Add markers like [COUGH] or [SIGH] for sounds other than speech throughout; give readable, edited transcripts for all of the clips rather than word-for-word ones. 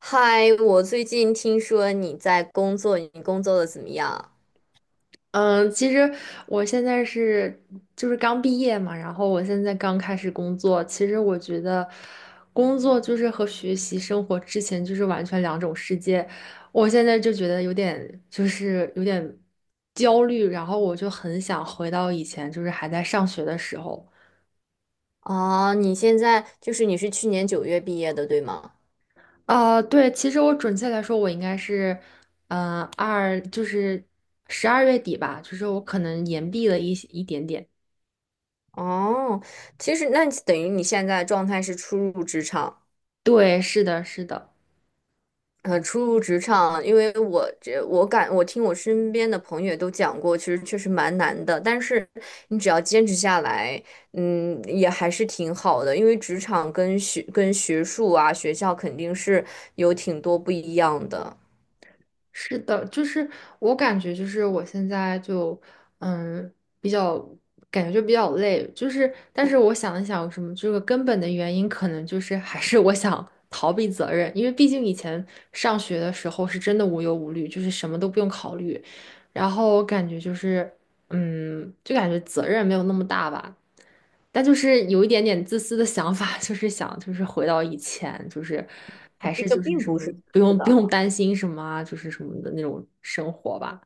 嗨，我最近听说你在工作，你工作的怎么样？嗯，其实我现在是就是刚毕业嘛，然后我现在刚开始工作。其实我觉得工作就是和学习生活之前就是完全两种世界。我现在就觉得有点就是有点焦虑，然后我就很想回到以前就是还在上学的时候。哦，你现在就是你是去年九月毕业的，对吗？啊、对，其实我准确来说，我应该是，二就是十二月底吧，就是我可能延毕了一点点。哦，其实那等于你现在状态是初入职场。对，是的，是的。初入职场，因为我听我身边的朋友也都讲过，其实确实蛮难的，但是你只要坚持下来，嗯，也还是挺好的，因为职场跟学术啊，学校肯定是有挺多不一样的。是的，就是我感觉，就是我现在就，嗯，比较感觉就比较累，就是，但是我想了想，有什么这个根本的原因，可能就是还是我想逃避责任，因为毕竟以前上学的时候是真的无忧无虑，就是什么都不用考虑，然后我感觉就是。嗯，就感觉责任没有那么大吧，但就是有一点点自私的想法，[LAUGHS] 就是想就是回到以前，就是还这是个就是并什不么是不是用不的。用担心什么啊，就是什么的那种生活吧。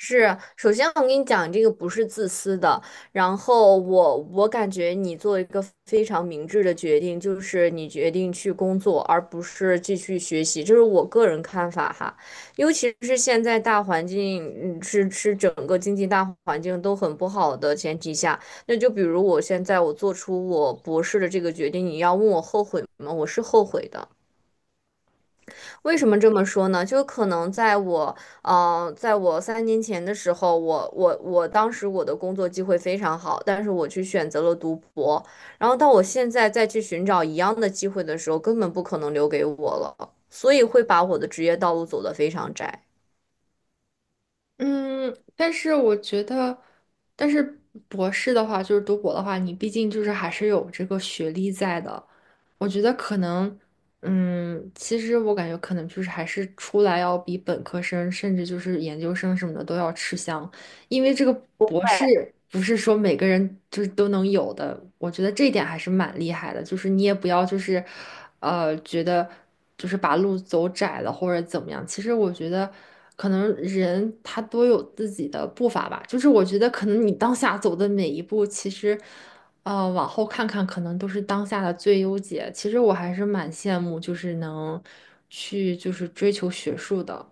是，首先我跟你讲，这个不是自私的。然后我感觉你做一个非常明智的决定，就是你决定去工作，而不是继续学习，这是我个人看法哈。尤其是现在大环境，嗯，是整个经济大环境都很不好的前提下，那就比如我现在我做出我博士的这个决定，你要问我后悔吗？我是后悔的。为什么这么说呢？就可能在我，在我三年前的时候，我当时我的工作机会非常好，但是我去选择了读博，然后到我现在再去寻找一样的机会的时候，根本不可能留给我了，所以会把我的职业道路走得非常窄。嗯，但是我觉得，但是博士的话，就是读博的话，你毕竟就是还是有这个学历在的。我觉得可能，嗯，其实我感觉可能就是还是出来要比本科生，甚至就是研究生什么的都要吃香，因为这个博士不是说每个人就是都能有的。我觉得这一点还是蛮厉害的，就是你也不要就是，觉得。就是把路走窄了或者怎么样。其实我觉得，可能人他都有自己的步伐吧。就是我觉得，可能你当下走的每一步，其实，往后看看，可能都是当下的最优解。其实我还是蛮羡慕，就是能去就是追求学术的。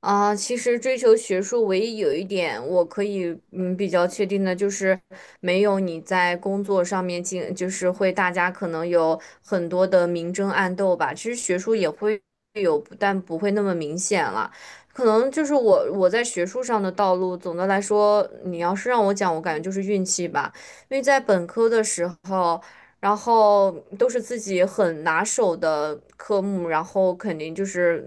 啊，其实追求学术，唯一有一点我可以嗯比较确定的就是，没有你在工作上面进，就是会大家可能有很多的明争暗斗吧。其实学术也会有，但不会那么明显了。可能就是我在学术上的道路，总的来说，你要是让我讲，我感觉就是运气吧。因为在本科的时候。然后都是自己很拿手的科目，然后肯定就是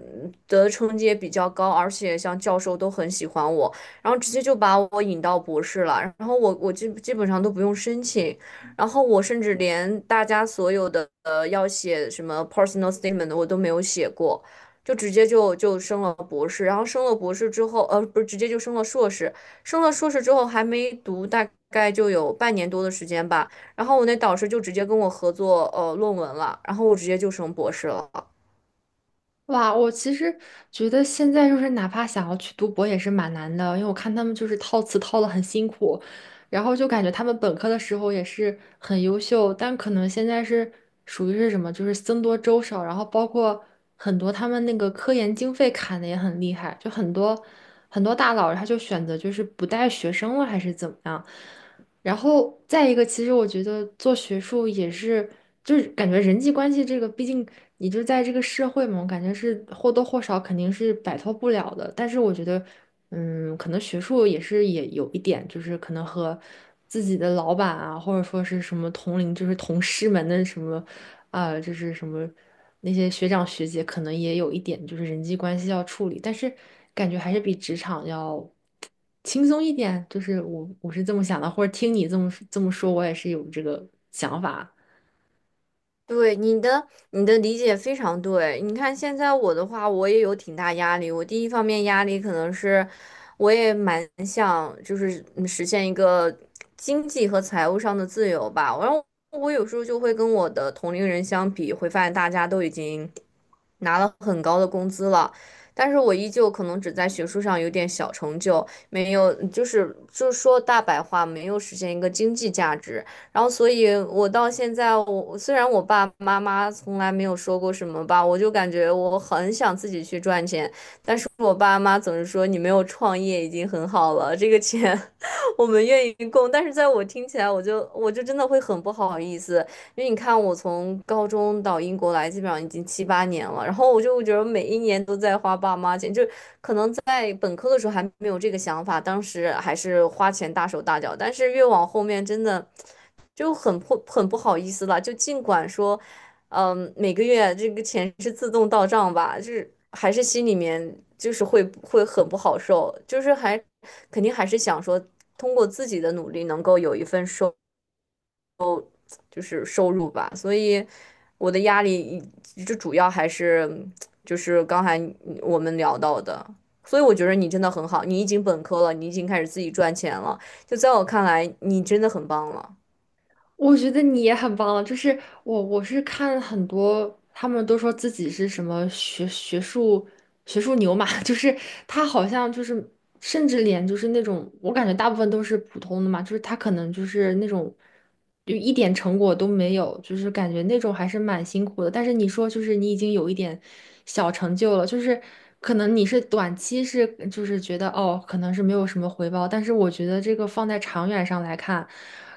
得的成绩也比较高，而且像教授都很喜欢我，然后直接就把我引到博士了，然后我基本上都不用申请，然后我甚至连大家所有的要写什么 personal statement 的我都没有写过。就直接就升了博士，然后升了博士之后，呃，不是直接就升了硕士，升了硕士之后还没读，大概就有半年多的时间吧。然后我那导师就直接跟我合作论文了，然后我直接就升博士了。哇，我其实觉得现在就是哪怕想要去读博也是蛮难的，因为我看他们就是套词套的很辛苦，然后就感觉他们本科的时候也是很优秀，但可能现在是属于是什么，就是僧多粥少，然后包括很多他们那个科研经费砍的也很厉害，就很多大佬他就选择就是不带学生了还是怎么样，然后再一个，其实我觉得做学术也是，就是感觉人际关系这个，毕竟你就在这个社会嘛，我感觉是或多或少肯定是摆脱不了的。但是我觉得，嗯，可能学术也是也有一点，就是可能和自己的老板啊，或者说是什么同龄，就是同事们的什么啊，就是什么那些学长学姐可能也有一点就是人际关系要处理，但是感觉还是比职场要轻松一点。就是我是这么想的，或者听你这么说，我也是有这个想法。对你的理解非常对。你看现在我的话，我也有挺大压力。我第一方面压力可能是，我也蛮想就是嗯实现一个经济和财务上的自由吧。然后我有时候就会跟我的同龄人相比，会发现大家都已经拿了很高的工资了，但是我依旧可能只在学术上有点小成就，没有就是说大白话，没有实现一个经济价值。然后所以我到现在我，虽然我爸爸妈妈从来没有说过什么吧，我就感觉我很想自己去赚钱，但是我爸妈总是说你没有创业已经很好了，这个钱 [LAUGHS] 我们愿意供，但是在我听起来，我就真的会很不好意思，因为你看我从高中到英国来，基本上已经七八年了，然后我就觉得每一年都在花爸妈钱，就在本科的时候还没有这个想法，当时还是花钱大手大脚，但是越往后面真的就很不好意思了。就尽管说，嗯，每个月这个钱是自动到账吧，就是还是心里面就是会很不好受，就是肯定还是想说通过自己的努力能够有一份收。就是收入吧，所以我的压力就主要还是就是刚才我们聊到的，所以我觉得你真的很好，你已经本科了，你已经开始自己赚钱了，就在我看来，你真的很棒了。我觉得你也很棒了，就是我是看很多，他们都说自己是什么学术牛马，[LAUGHS] 就是他好像就是甚至连就是那种我感觉大部分都是普通的嘛，就是他可能就是那种就一点成果都没有，就是感觉那种还是蛮辛苦的。但是你说就是你已经有一点小成就了，就是可能你是短期是就是觉得哦可能是没有什么回报，但是我觉得这个放在长远上来看。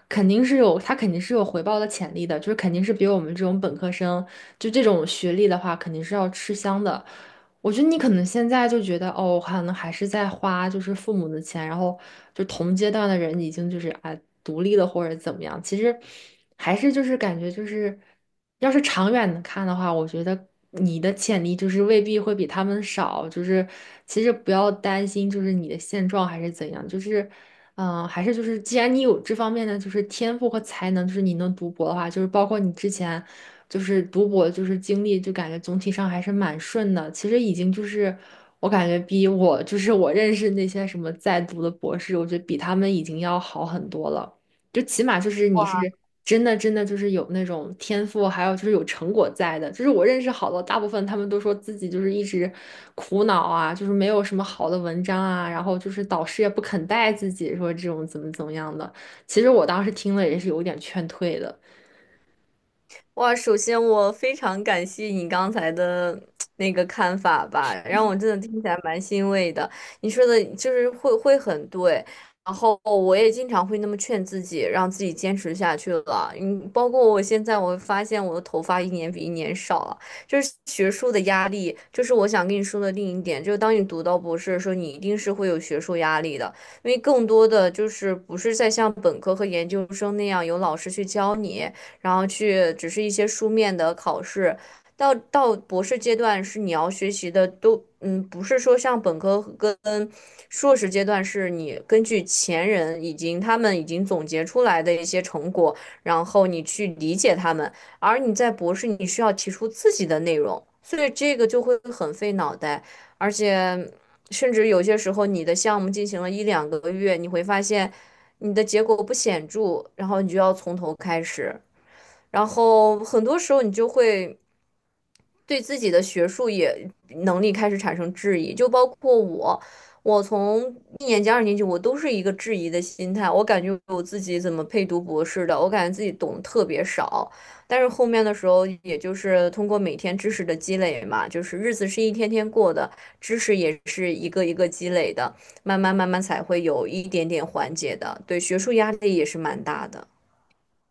肯定是有，他肯定是有回报的潜力的，就是肯定是比我们这种本科生，就这种学历的话，肯定是要吃香的。我觉得你可能现在就觉得，哦，可能还是在花就是父母的钱，然后就同阶段的人已经就是啊独立了或者怎么样，其实还是就是感觉就是，要是长远的看的话，我觉得你的潜力就是未必会比他们少，就是其实不要担心就是你的现状还是怎样，就是。嗯，还是就是，既然你有这方面的就是天赋和才能，就是你能读博的话，就是包括你之前就是读博就是经历，就感觉总体上还是蛮顺的。其实已经就是我感觉比我就是我认识那些什么在读的博士，我觉得比他们已经要好很多了。就起码就是你是真的就是有那种天赋，还有就是有成果在的。就是我认识好多，大部分他们都说自己就是一直苦恼啊，就是没有什么好的文章啊，然后就是导师也不肯带自己，说这种怎么怎么样的。其实我当时听了也是有点劝退的。哇，首先我非常感谢你刚才的那个看法吧，让我真的听起来蛮欣慰的。你说的就是会很对，然后我也经常会那么劝自己，让自己坚持下去了。嗯，包括我现在，我会发现我的头发一年比一年少了，就是学术的压力，就是我想跟你说的另一点，就是当你读到博士的时候，你一定是会有学术压力的，因为更多的就是不是在像本科和研究生那样有老师去教你。然后去只是一些书面的考试。到博士阶段是你要学习的都，嗯，不是说像本科跟硕士阶段是你根据前人已经他们已经总结出来的一些成果，然后你去理解他们，而你在博士你需要提出自己的内容，所以这个就会很费脑袋，而且甚至有些时候你的项目进行了一两个月，你会发现你的结果不显著，然后你就要从头开始。然后很多时候你就会对自己的学术也能力开始产生质疑，就包括我，我从一年级、二年级，我都是一个质疑的心态，我感觉我自己怎么配读博士的，我感觉自己懂得特别少，但是后面的时候，也就是通过每天知识的积累嘛，就是日子是一天天过的，知识也是一个一个积累的，慢慢才会有一点点缓解的，对学术压力也是蛮大的。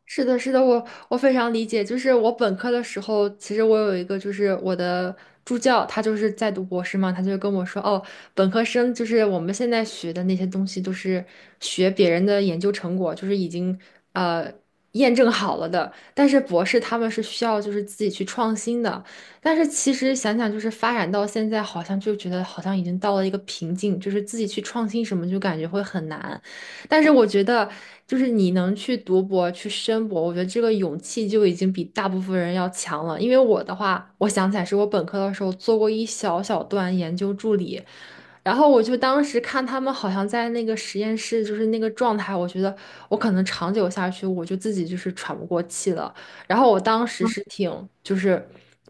是的，是的，我非常理解。就是我本科的时候，其实我有一个，就是我的助教，他就是在读博士嘛，他就跟我说，哦，本科生就是我们现在学的那些东西，都是学别人的研究成果，就是已经呃验证好了的。但是博士他们是需要就是自己去创新的。但是其实想想，就是发展到现在，好像就觉得好像已经到了一个瓶颈，就是自己去创新什么，就感觉会很难。但是我觉得，就是你能去读博、去申博，我觉得这个勇气就已经比大部分人要强了。因为我的话，我想起来是我本科的时候做过一小小段研究助理，然后我就当时看他们好像在那个实验室，就是那个状态，我觉得我可能长久下去，我就自己就是喘不过气了。然后我当时是挺就是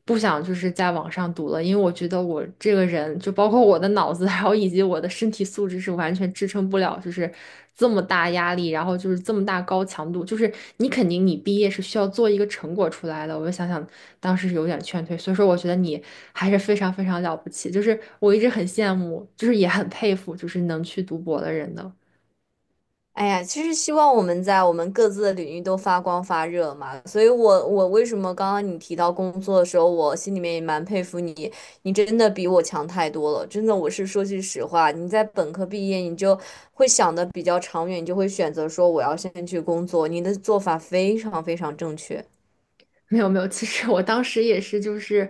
不想就是在网上读了，因为我觉得我这个人就包括我的脑子，[LAUGHS] 还有以及我的身体素质是完全支撑不了，就是这么大压力，然后就是这么大高强度，就是你肯定你毕业是需要做一个成果出来的。我就想想当时是有点劝退，所以说我觉得你还是非常非常了不起，就是我一直很羡慕，就是也很佩服，就是能去读博的人的。哎呀，其实希望我们在我们各自的领域都发光发热嘛。所以我，我为什么刚刚你提到工作的时候，我心里面也蛮佩服你，你真的比我强太多了。真的，我是说句实话，你在本科毕业，你就会想的比较长远，你就会选择说我要先去工作，你的做法非常非常正确。没有没有，其实我当时也是，就是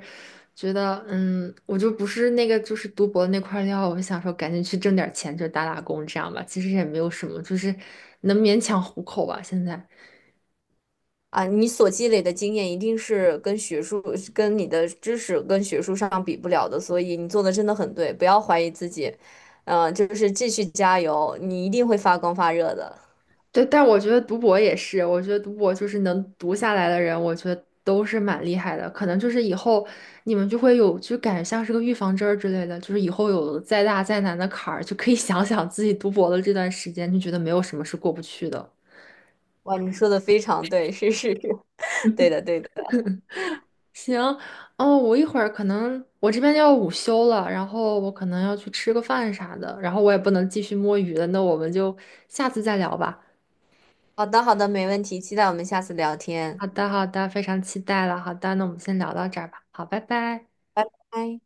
觉得，嗯，我就不是那个就是读博那块料，我想说赶紧去挣点钱，就打打工这样吧。其实也没有什么，就是能勉强糊口吧。现在，啊，你所积累的经验一定是跟学术、跟你的知识、跟学术上比不了的，所以你做的真的很对，不要怀疑自己，嗯、就是继续加油，你一定会发光发热的。对，但我觉得读博也是，我觉得读博就是能读下来的人，我觉得都是蛮厉害的。可能就是以后你们就会有，就感觉像是个预防针儿之类的，就是以后有再大再难的坎儿，就可以 [LAUGHS] 想想自己读博的这段时间，就觉得没有什么是过不去的。哇，你说的非常对，是是是，[LAUGHS] 对的对的。行，哦，我一会儿可能我这边要午休了，然后我可能要去吃个饭啥的，然后我也不能继续摸鱼了，那我们就下次再聊吧。好的好的，没问题，期待我们下次聊天，好的，好的，非常期待了。好的，那我们先聊到这儿吧。好，拜拜。拜拜。